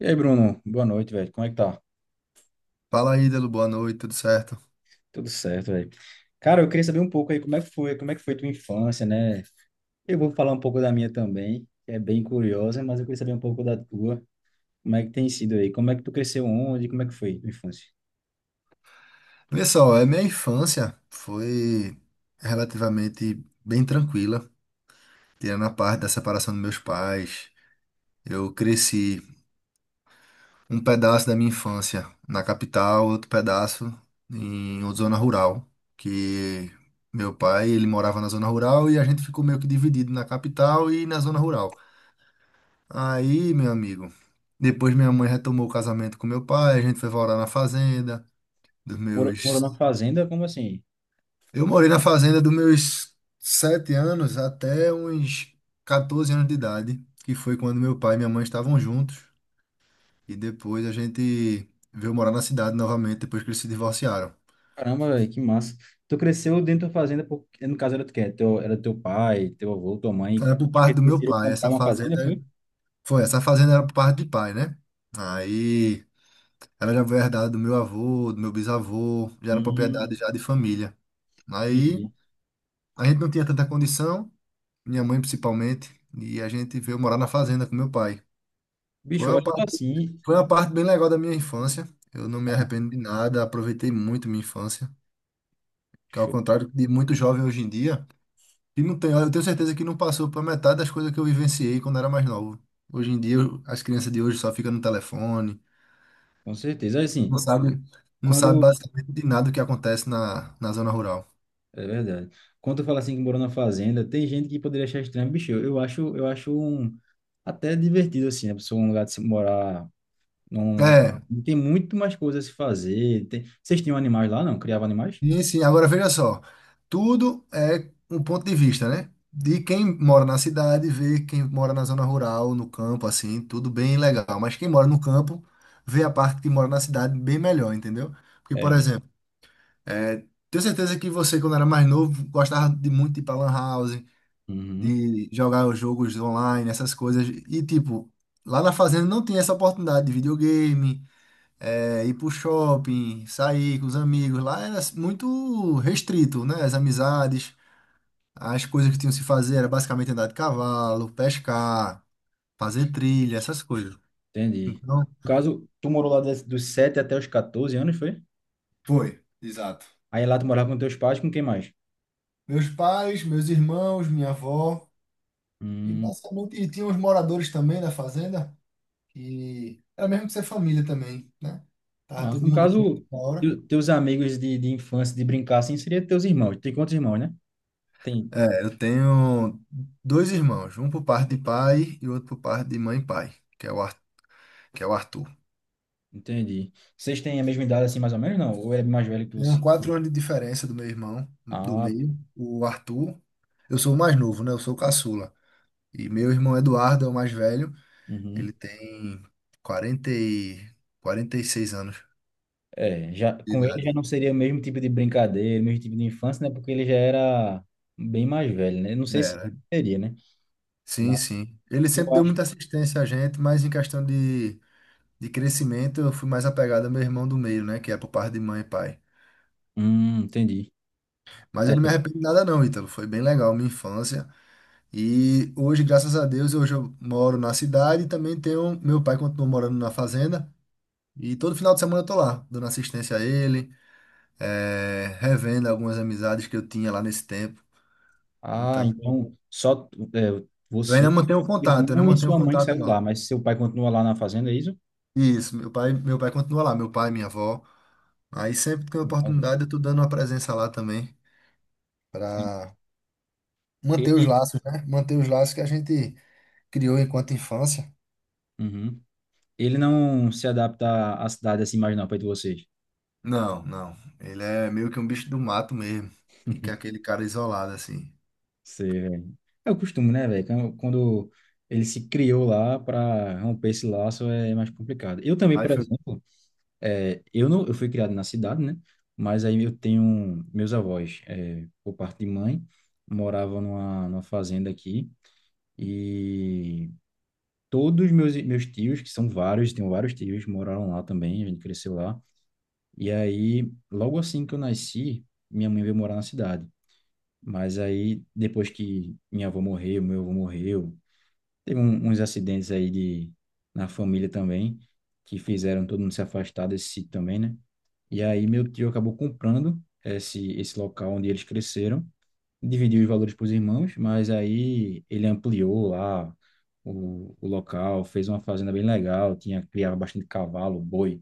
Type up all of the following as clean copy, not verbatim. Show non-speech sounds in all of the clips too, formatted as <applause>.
E aí, Bruno? Boa noite, velho. Como é que tá? Fala aí, Delo, boa noite, tudo certo? Tudo certo, velho. Cara, eu queria saber um pouco aí como é que foi, como é que foi tua infância, né? Eu vou falar um pouco da minha também, que é bem curiosa, mas eu queria saber um pouco da tua. Como é que tem sido aí? Como é que tu cresceu onde? Como é que foi tua infância? Olha só, a minha infância foi relativamente bem tranquila, tirando a parte da separação dos meus pais. Eu cresci um pedaço da minha infância na capital, outro pedaço em outra zona rural, que meu pai, ele morava na zona rural e a gente ficou meio que dividido na capital e na zona rural. Aí, meu amigo, depois minha mãe retomou o casamento com meu pai, a gente foi morar na fazenda dos Morou, tu morou numa meus fazenda? Como assim? Eu morei na fazenda dos meus 7 anos até uns 14 anos de idade, que foi quando meu pai e minha mãe estavam juntos. E depois a gente veio morar na cidade novamente, depois que eles se divorciaram. Caramba, velho, que massa. Tu cresceu dentro da fazenda, porque, no caso era tu quê? Teu, era teu pai, teu avô, tua mãe. Era por Acho que parte do meu decidiram pai, comprar uma fazenda, foi? Essa fazenda era por parte de pai, né? Aí ela já foi herdada do meu avô, do meu bisavô, já era propriedade Hum, já de família. Aí entendi. a gente não tinha tanta condição, minha mãe principalmente, e a gente veio morar na fazenda com meu pai. Foi Bicho, uma olha assim. Foi uma parte bem legal da minha infância. Eu não me arrependo de nada, aproveitei muito minha infância, que ao Show. contrário de muito jovem hoje em dia, que não tem, eu tenho certeza que não passou por metade das coisas que eu vivenciei quando era mais novo. Hoje em dia, as crianças de hoje só ficam no telefone, Com certeza. Assim, não sabe, não sabe quando basicamente de nada o que acontece na zona rural. É verdade. Quando tu fala assim que morou na fazenda, tem gente que poderia achar estranho, bicho. Eu acho, eu acho um, até divertido assim, a pessoa um lugar de se morar numa É, tem muito mais coisas a se fazer. Tem... Vocês tinham animais lá, não? Criavam animais? sim, sim. Agora veja só, tudo é um ponto de vista, né? De quem mora na cidade, vê quem mora na zona rural, no campo, assim, tudo bem legal. Mas quem mora no campo, vê a parte que mora na cidade bem melhor, entendeu? Porque, por É, exemplo, é, tenho certeza que você, quando era mais novo, gostava de muito de ir pra Lan House, uhum, de jogar os jogos online, essas coisas. E, tipo, lá na fazenda não tinha essa oportunidade de videogame, ir pro shopping, sair com os amigos. Lá era muito restrito, né? As amizades, as coisas que tinham que se fazer era basicamente andar de cavalo, pescar, fazer trilha, essas coisas. entendi. Então, No caso, tu morou lá des- dos 7 até os 14 anos, foi? foi, exato. Aí lá tu morava com teus pais, com quem mais? Meus pais, meus irmãos, minha avó, e Hum, basicamente e tinha os moradores também da fazenda, que era mesmo que ser família também, né? Tava nossa, todo no mundo junto caso, na hora. Teus amigos de infância, de brincar assim, seria teus irmãos. Tem quantos irmãos, né? Tem É, eu tenho dois irmãos, um por parte de pai e outro por parte de mãe e pai, que é o Arthur. entendi. Vocês têm a mesma idade, assim, mais ou menos, não? Ou ele é mais velho que você? Tenho 4 anos de diferença do meu irmão, do Ah, pô. meio, o Arthur. Eu sou o mais novo, né? Eu sou o caçula. E meu irmão Eduardo é o mais velho. Ele Uhum. tem 40 e... 46 anos É, já, de com ele idade. já não seria o mesmo tipo de brincadeira, o mesmo tipo de infância, né? Porque ele já era bem mais velho, né? Não sei se Era. seria, né? Sim, Mas sim. Ele eu sempre deu acho. muita assistência a gente, mas em questão de crescimento, eu fui mais apegado ao meu irmão do meio, né? Que é por parte de mãe e pai. Entendi. Mas É. eu não me arrependo de nada, não, Ítalo. Foi bem legal a minha infância. E hoje, graças a Deus, hoje eu moro na cidade e também tenho. Meu pai continua morando na fazenda. E todo final de semana eu tô lá, dando assistência a ele, revendo algumas amizades que eu tinha lá nesse tempo. Ah, Então, então só é, você, seu eu ainda irmão e mantenho sua mãe que contato saiu lá, lá. mas seu pai continua lá na fazenda, é isso? Isso, meu pai continua lá, meu pai, minha avó. Aí sempre que tem Não. oportunidade, eu tô dando uma presença lá também, para manter os Ele, laços, né? Manter os laços que a gente criou enquanto infância. uhum. Ele não se adapta à cidade assim mais não, perto de vocês. Não, não. Ele é meio que um bicho do mato mesmo. Fica aquele cara isolado assim. Você é o costume, né, velho? Quando ele se criou lá para romper esse laço é mais complicado. Eu também, por Mas foi. exemplo, é, eu não, eu fui criado na cidade, né? Mas aí eu tenho meus avós, é, por parte de mãe, moravam numa fazenda aqui e todos meus tios, que são vários, tenho vários tios, moraram lá também. A gente cresceu lá. E aí, logo assim que eu nasci, minha mãe veio morar na cidade. Mas aí, depois que minha avó morreu, meu avô morreu teve uns acidentes aí de, na família também, que fizeram todo mundo se afastar desse sítio também, né? E aí meu tio acabou comprando esse local onde eles cresceram, dividiu os valores para os irmãos, mas aí ele ampliou lá o local, fez uma fazenda bem legal, tinha, criava bastante cavalo, boi,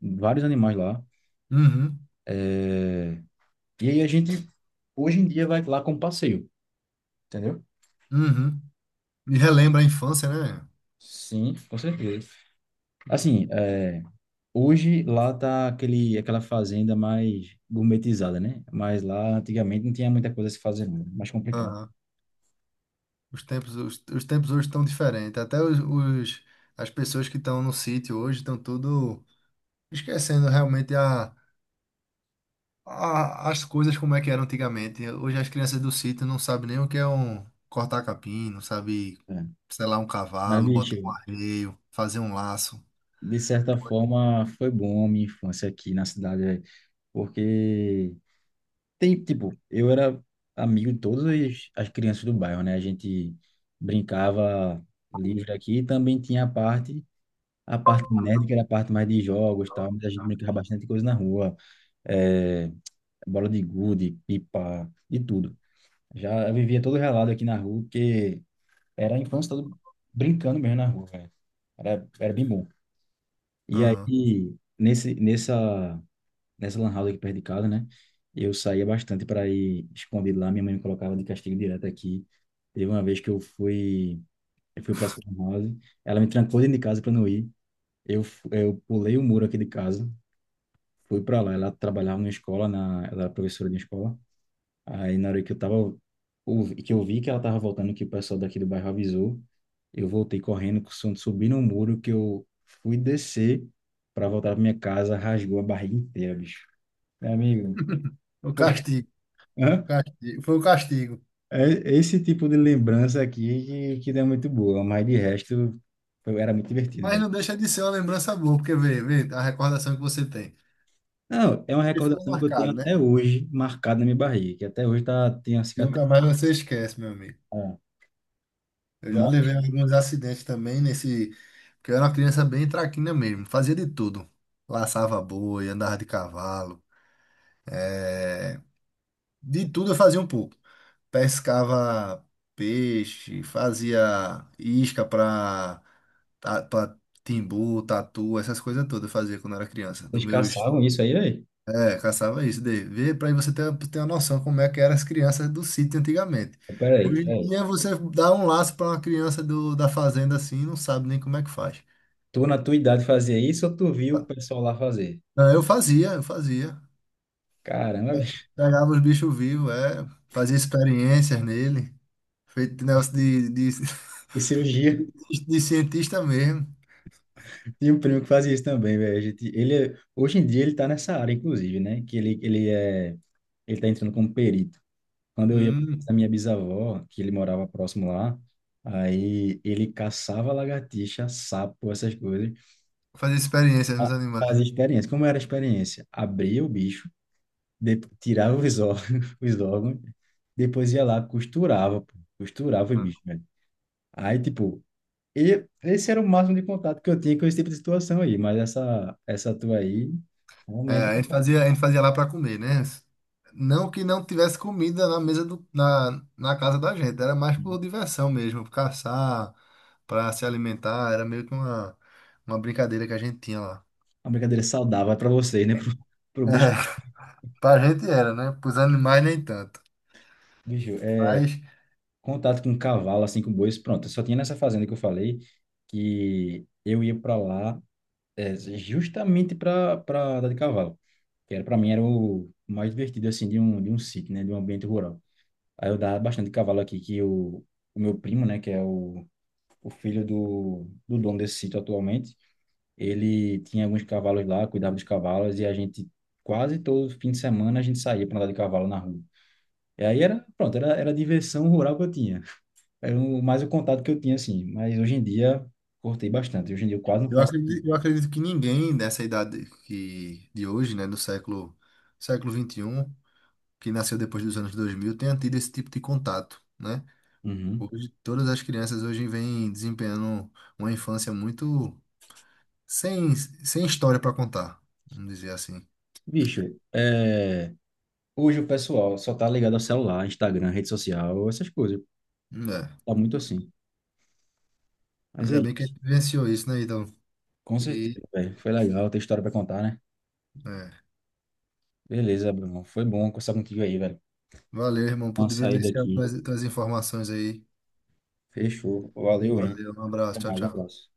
vários animais lá. Uhum, E aí a gente, hoje em dia, vai lá como passeio, entendeu? uhum. Me relembra a infância, né? Sim, com certeza. Assim, é hoje lá tá aquele, aquela fazenda mais gourmetizada, né? Mas lá antigamente não tinha muita coisa a se fazer, não, era mais complicado. Aham. Os tempos hoje estão diferentes. Até as pessoas que estão no sítio hoje estão tudo esquecendo realmente as coisas como é que eram antigamente. Hoje as crianças do sítio não sabem nem o que é um cortar capim, não sabe É. selar um Mas, cavalo, bicho, botar um arreio, fazer um laço. de certa forma foi bom a minha infância aqui na cidade, velho, porque tem, tipo, eu era amigo de todas as crianças do bairro, né? A gente brincava livre aqui e também tinha a parte nerd, que era a parte mais de jogos, e tal, mas a gente brincava bastante coisa na rua, é, bola de gude, pipa, de tudo. Já eu vivia todo relado aqui na rua, porque era a infância toda brincando mesmo na rua, velho. Era, era bem bom. E Aham. aí, nessa lan house aqui perto de casa, né? Eu saía bastante para ir escondido lá. Minha mãe me colocava de castigo direto aqui. Teve uma vez que eu fui para essa lan house. Ela me trancou dentro de casa para não ir. Eu, eu pulei o muro aqui de casa, fui para lá. Ela trabalhava numa escola, na, ela era professora de escola. Aí na hora que eu tava, que eu vi que ela tava voltando, que o pessoal daqui do bairro avisou, eu voltei correndo, com o som de subir no muro, que eu fui descer para voltar pra minha casa, rasgou a barriga inteira, bicho. Meu amigo, <laughs> O foi- <laughs> castigo. hã? Foi o castigo. É esse tipo de lembrança aqui que não é muito boa, mas de resto era muito divertido, Mas velho. não deixa de ser uma lembrança boa, porque vê a recordação que você tem. Não, é uma E ficou recordação que eu tenho marcado, né? até hoje marcada na minha barriga, que até hoje tá, tem a cicatriz. Nunca mais você esquece, meu amigo. Ah, Eu já mas levei alguns acidentes também nesse. Porque eu era uma criança bem traquina mesmo. Fazia de tudo. Laçava boi, andava de cavalo. eh, De tudo eu fazia um pouco. Pescava peixe, fazia isca pra timbu, tatu, essas coisas todas eu fazia quando eu era criança. Dos vocês meus caçavam isso aí, velho? É, caçava isso daí. Vê para você ter uma noção como é que eram as crianças do sítio antigamente. Peraí, Hoje em peraí. dia você dá um laço para uma criança da fazenda assim, não sabe nem como é que faz. Tu, na tua idade, fazia isso ou tu viu o pessoal lá fazer? Não, eu fazia, eu fazia. Caramba, <laughs> bicho. Pegava os bichos vivos, é, fazia experiências nele, feito negócio E <laughs> cirurgia. De cientista mesmo. Tinha um primo que fazia isso também, velho. A gente- Ele, hoje em dia ele tá nessa área, inclusive, né? Que ele é, ele tá entrando como perito. Quando eu ia Hum, pra minha bisavó, que ele morava próximo lá, aí ele caçava lagartixa, sapo, essas coisas. fazia experiências nos Ah, animais, fazia experiência. Como era a experiência? Abria o bicho, tirava os órgãos, <laughs> os órgãos, depois ia lá, costurava, pô. Costurava o né? bicho, velho. Aí, tipo, e esse era o máximo de contato que eu tinha com esse tipo de situação aí, mas essa tua aí, É, realmente, a gente fazia lá para comer, né? Não que não tivesse comida na mesa na casa da gente, era mais por diversão mesmo, por caçar, para se alimentar, era meio que uma brincadeira que a gente tinha lá. uma brincadeira saudável para vocês, né? <laughs> Pro, pro <laughs> bicho, É, pra gente era, né? Pros animais nem tanto. bicho, é, Mas contato com um cavalo, assim, com bois, pronto. Eu só tinha nessa fazenda que eu falei que eu ia para lá é, justamente para andar de cavalo, que era para mim era o mais divertido, assim, de um sítio, né? De um ambiente rural. Aí eu dava bastante de cavalo aqui, que o meu primo, né? Que é o filho do, do dono desse sítio atualmente, ele tinha alguns cavalos lá, cuidava dos cavalos, e a gente, quase todo fim de semana, a gente saía para andar de cavalo na rua. E aí era, pronto, era, era a diversão rural que eu tinha. Era o, mais o contato que eu tinha, assim. Mas hoje em dia, cortei bastante. Hoje em dia eu quase não faço. Eu acredito que ninguém dessa idade que, de hoje, né, do século 21 que nasceu depois dos anos 2000 tenha tido esse tipo de contato, né? Uhum. Hoje, todas as crianças hoje vêm desempenhando uma infância muito sem história para contar, vamos dizer assim. Bicho, é... hoje o pessoal só tá ligado ao celular, Instagram, rede social, essas coisas. É. Tá muito assim. Mas é Ainda bem que a isso. gente vivenciou isso, né, então? Com E, certeza, velho. Foi legal ter história pra contar, né? é. Beleza, Bruno. Foi bom conversar contigo aí, velho. Valeu, irmão, por Uma saída vivenciar aqui. As informações aí. Fechou. Valeu, hein? Valeu, um Até abraço, tchau, mais, um tchau. abraço.